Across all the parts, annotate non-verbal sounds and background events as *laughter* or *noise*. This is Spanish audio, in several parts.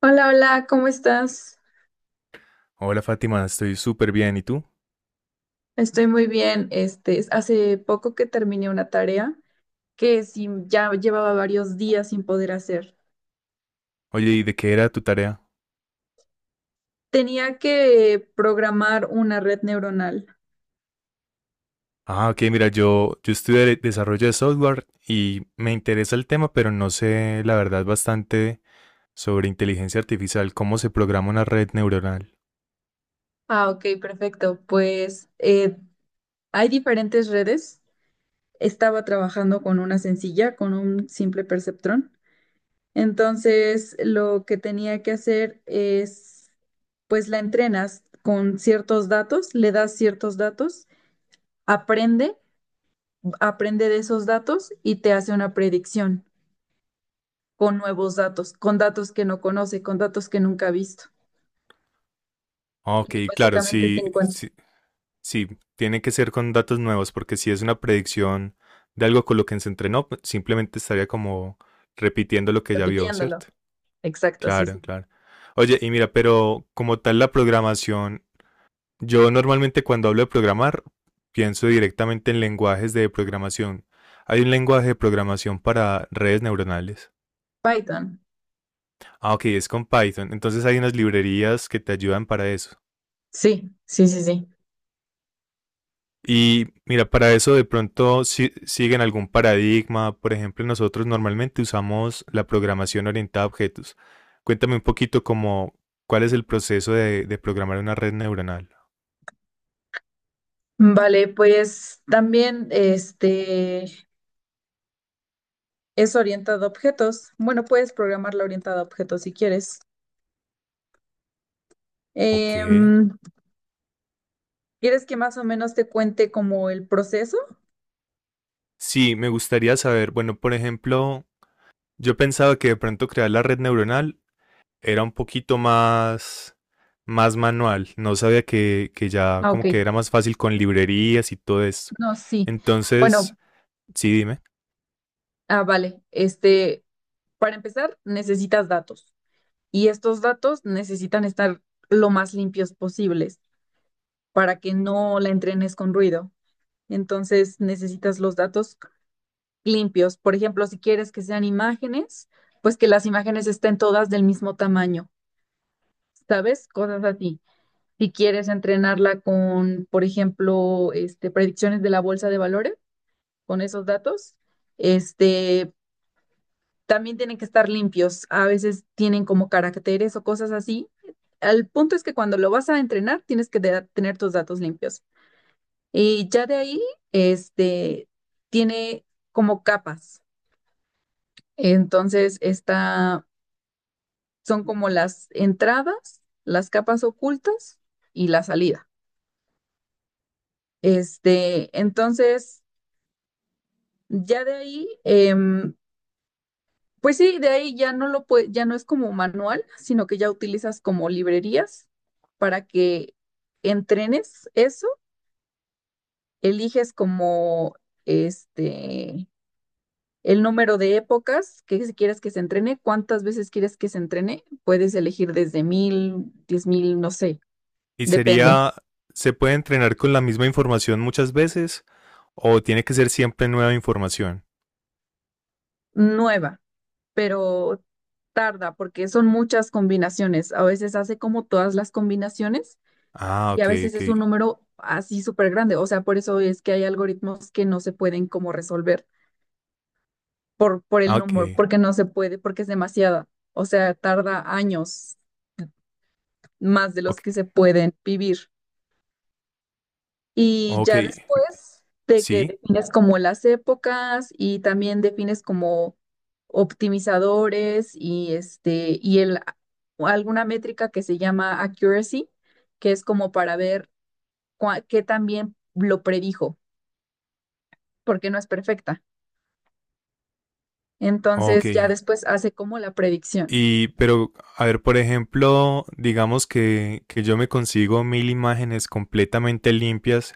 Hola, hola, ¿cómo estás? Hola Fátima, estoy súper bien. ¿Y tú? Estoy muy bien. Hace poco que terminé una tarea que sí ya llevaba varios días sin poder hacer. Oye, ¿y de qué era tu tarea? Tenía que programar una red neuronal. Ah, ok, mira, yo estudié desarrollo de software y me interesa el tema, pero no sé, la verdad, bastante sobre inteligencia artificial, cómo se programa una red neuronal. Ah, ok, perfecto. Pues hay diferentes redes. Estaba trabajando con una sencilla, con un simple perceptrón. Entonces, lo que tenía que hacer es, pues la entrenas con ciertos datos, le das ciertos datos, aprende aprende de esos datos y te hace una predicción con nuevos datos, con datos que no conoce, con datos que nunca ha visto. Ah, Ok, Y claro, básicamente te sí, encuentro sí, sí, tiene que ser con datos nuevos, porque si es una predicción de algo con lo que se entrenó, pues, simplemente estaría como repitiendo lo que ya vio, repitiéndolo. ¿cierto? Exacto, sí, Claro, sí. claro. Oye, y mira, pero como tal la programación, yo normalmente cuando hablo de programar pienso directamente en lenguajes de programación. ¿Hay un lenguaje de programación para redes neuronales? Python. Ah, ok, es con Python. Entonces hay unas librerías que te ayudan para eso. Sí, sí, sí, sí. Y mira, para eso de pronto siguen algún paradigma. Por ejemplo, nosotros normalmente usamos la programación orientada a objetos. Cuéntame un poquito como cuál es el proceso de programar una red neuronal. Vale, pues también es orientado a objetos. Bueno, puedes programarla orientada a objetos si quieres. Ok. Em, ¿Quieres que más o menos te cuente como el proceso? Sí, me gustaría saber, bueno, por ejemplo, yo pensaba que de pronto crear la red neuronal era un poquito más, más manual. No sabía que ya Ah, ok. como que era más fácil con librerías y todo eso. No, sí. Bueno, Entonces, sí, dime. Vale. Para empezar, necesitas datos, y estos datos necesitan estar lo más limpios posibles para que no la entrenes con ruido. Entonces necesitas los datos limpios. Por ejemplo, si quieres que sean imágenes, pues que las imágenes estén todas del mismo tamaño, ¿sabes? Cosas así. Si quieres entrenarla con, por ejemplo, predicciones de la bolsa de valores, con esos datos, este, también tienen que estar limpios. A veces tienen como caracteres o cosas así. El punto es que cuando lo vas a entrenar, tienes que tener tus datos limpios. Y ya de ahí, este, tiene como capas. Entonces, esta son como las entradas, las capas ocultas y la salida. Entonces, ya de ahí, pues sí, de ahí ya no es como manual, sino que ya utilizas como librerías para que entrenes eso, eliges como este el número de épocas que si quieres que se entrene, cuántas veces quieres que se entrene, puedes elegir desde 1000, 10.000, no sé, ¿Y depende. sería, se puede entrenar con la misma información muchas veces o tiene que ser siempre nueva información? Nueva, pero tarda porque son muchas combinaciones. A veces hace como todas las combinaciones Ah, y a ok, veces ok. es un número así súper grande. O sea, por eso es que hay algoritmos que no se pueden como resolver por el Ah, número, Ok, porque no se puede, porque es demasiada. O sea, tarda años más de los que ok, se pueden vivir. Y ok. ya después de que Sí, defines como las épocas y también defines como optimizadores y este y el alguna métrica que se llama accuracy, que es como para ver qué también lo predijo, porque no es perfecta. ok. Entonces ya después hace como la predicción. Y, pero, a ver, por ejemplo, digamos que yo me consigo 1.000 imágenes completamente limpias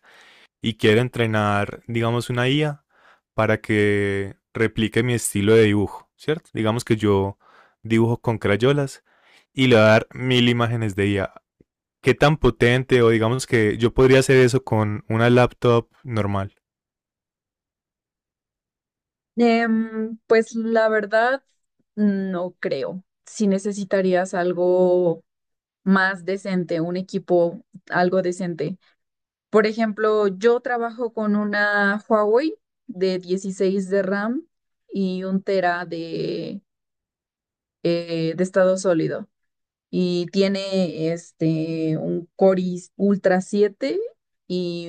y quiero entrenar, digamos, una IA para que replique mi estilo de dibujo, ¿cierto? Digamos que yo dibujo con crayolas y le voy a dar 1.000 imágenes de IA. ¿Qué tan potente? O digamos que yo podría hacer eso con una laptop normal. Pues la verdad, no creo. Si necesitarías algo más decente, un equipo algo decente. Por ejemplo, yo trabajo con una Huawei de 16 de RAM y un tera de estado sólido. Y tiene un Core i Ultra 7 y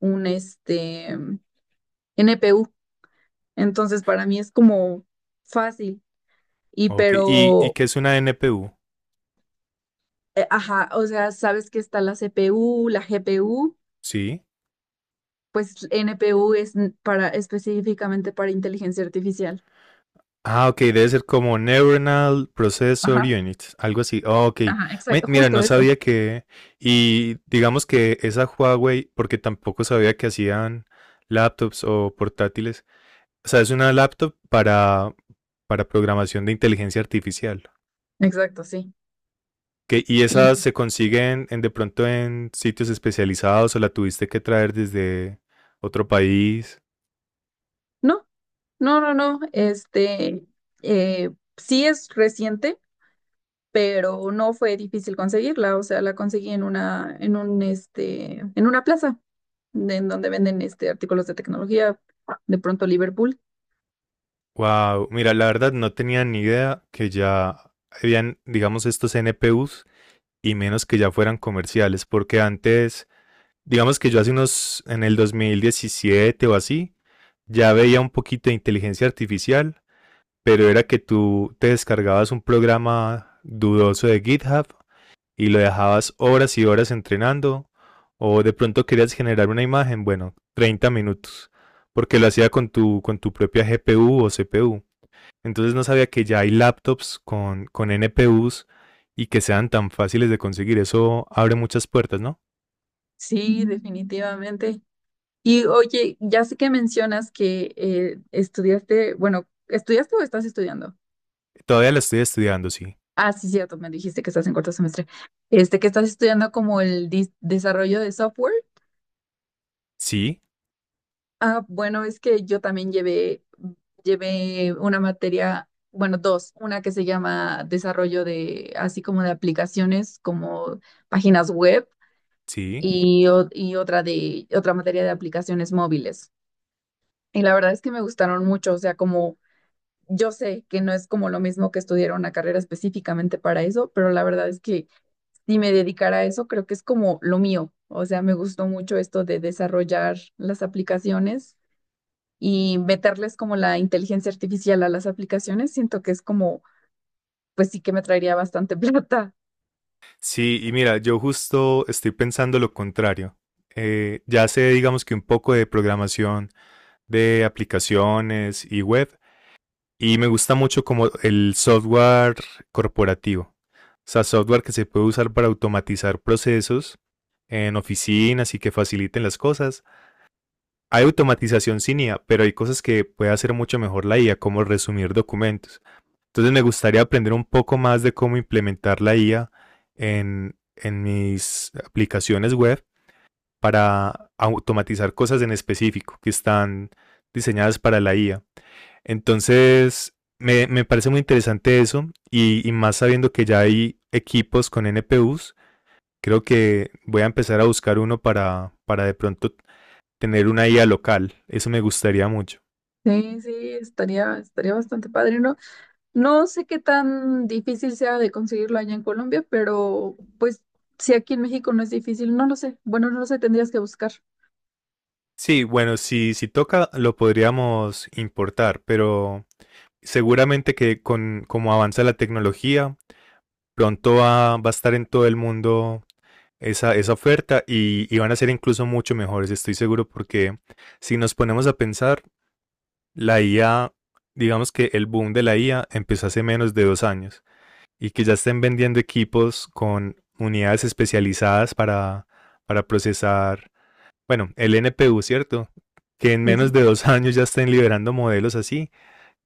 un NPU. Entonces, para mí es como fácil. Y Ok, ¿y pero, qué es una NPU? Ajá, o sea, sabes que está la CPU, la GPU, Sí. pues NPU es para, específicamente para inteligencia artificial. Ah, ok, debe ser como Neuronal Processor Unit, algo así. Ah, ok, Ajá, exacto, mira, justo no eso. sabía que... Y digamos que esa Huawei, porque tampoco sabía que hacían laptops o portátiles. O sea, es una laptop para programación de inteligencia artificial. Exacto, sí. Que, y Y esas se consiguen en, de pronto en sitios especializados o la tuviste que traer desde otro país. no, no, no, no, eh, sí es reciente, pero no fue difícil conseguirla, o sea, la conseguí en una, en un, en una plaza en donde venden, artículos de tecnología, de pronto Liverpool. Wow, mira, la verdad no tenía ni idea que ya habían, digamos, estos NPUs y menos que ya fueran comerciales, porque antes, digamos que yo hace unos, en el 2017 o así, ya veía un poquito de inteligencia artificial, pero era que tú te descargabas un programa dudoso de GitHub y lo dejabas horas y horas entrenando, o de pronto querías generar una imagen, bueno, 30 minutos, porque lo hacía con tu propia GPU o CPU. Entonces no sabía que ya hay laptops con NPUs y que sean tan fáciles de conseguir. Eso abre muchas puertas, ¿no? Sí, definitivamente. Y oye, ya sé que mencionas que estudiaste, bueno, ¿estudiaste o estás estudiando? Todavía la estoy estudiando, sí. Ah, sí, cierto, me dijiste que estás en cuarto semestre. Que estás estudiando como el desarrollo de software. Sí, Ah, bueno, es que yo también llevé una materia, bueno, dos, una que se llama desarrollo de, así como de aplicaciones, como páginas web, sí. Y otra de, otra materia de aplicaciones móviles. Y la verdad es que me gustaron mucho, o sea, como yo sé que no es como lo mismo que estudiar una carrera específicamente para eso, pero la verdad es que si me dedicara a eso, creo que es como lo mío. O sea, me gustó mucho esto de desarrollar las aplicaciones y meterles como la inteligencia artificial a las aplicaciones. Siento que es como, pues sí que me traería bastante *laughs* plata. Sí, y mira, yo justo estoy pensando lo contrario. Ya sé, digamos que un poco de programación de aplicaciones y web, y me gusta mucho como el software corporativo. O sea, software que se puede usar para automatizar procesos en oficinas y que faciliten las cosas. Hay automatización sin IA, pero hay cosas que puede hacer mucho mejor la IA, como resumir documentos. Entonces me gustaría aprender un poco más de cómo implementar la IA en mis aplicaciones web para automatizar cosas en específico que están diseñadas para la IA. Entonces, me parece muy interesante eso y más sabiendo que ya hay equipos con NPUs, creo que voy a empezar a buscar uno para de pronto tener una IA local. Eso me gustaría mucho. Sí, sí, estaría bastante padre, ¿no? No sé qué tan difícil sea de conseguirlo allá en Colombia, pero pues si aquí en México no es difícil, no lo sé. Bueno, no lo sé, tendrías que buscar. Sí, bueno, si toca lo podríamos importar, pero seguramente que con como avanza la tecnología, pronto va a estar en todo el mundo esa oferta y van a ser incluso mucho mejores, estoy seguro, porque si nos ponemos a pensar, la IA, digamos que el boom de la IA empezó hace menos de 2 años y que ya estén vendiendo equipos con unidades especializadas para procesar bueno, el NPU, ¿cierto? Que en Sí, menos sí. de 2 *laughs* años ya estén liberando modelos así.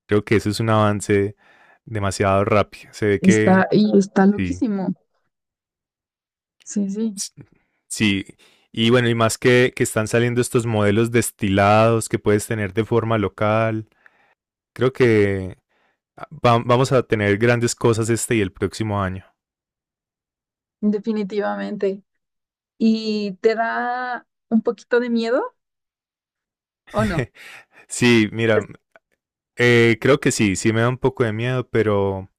Creo que eso es un avance demasiado rápido. Se ve que Está sí, loquísimo. Sí, sí, sí. Y bueno, y más que están saliendo estos modelos destilados que puedes tener de forma local. Creo que vamos a tener grandes cosas este y el próximo año. definitivamente. ¿Y te da un poquito de miedo o no? Sí, Es- mira, creo que sí, sí me da un poco de miedo, pero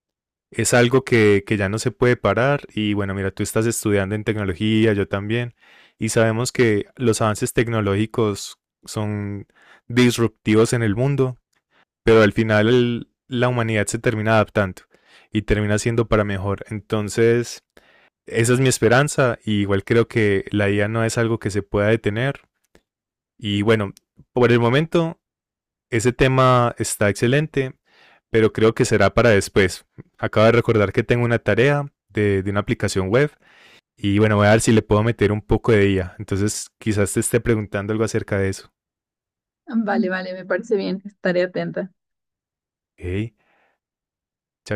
es algo que ya no se puede parar y bueno, mira, tú estás estudiando en tecnología, yo también, y sabemos que los avances tecnológicos son disruptivos en el mundo, pero al final la humanidad se termina adaptando y termina siendo para mejor. Entonces, esa es mi esperanza y igual creo que la IA no es algo que se pueda detener y bueno, por el momento ese tema está excelente, pero creo que será para después. Acabo de recordar que tengo una tarea de una aplicación web y bueno, voy a ver si le puedo meter un poco de IA. Entonces, quizás te esté preguntando algo acerca de eso. Vale, vale, me parece bien, estaré atenta. Ok, chao, chao.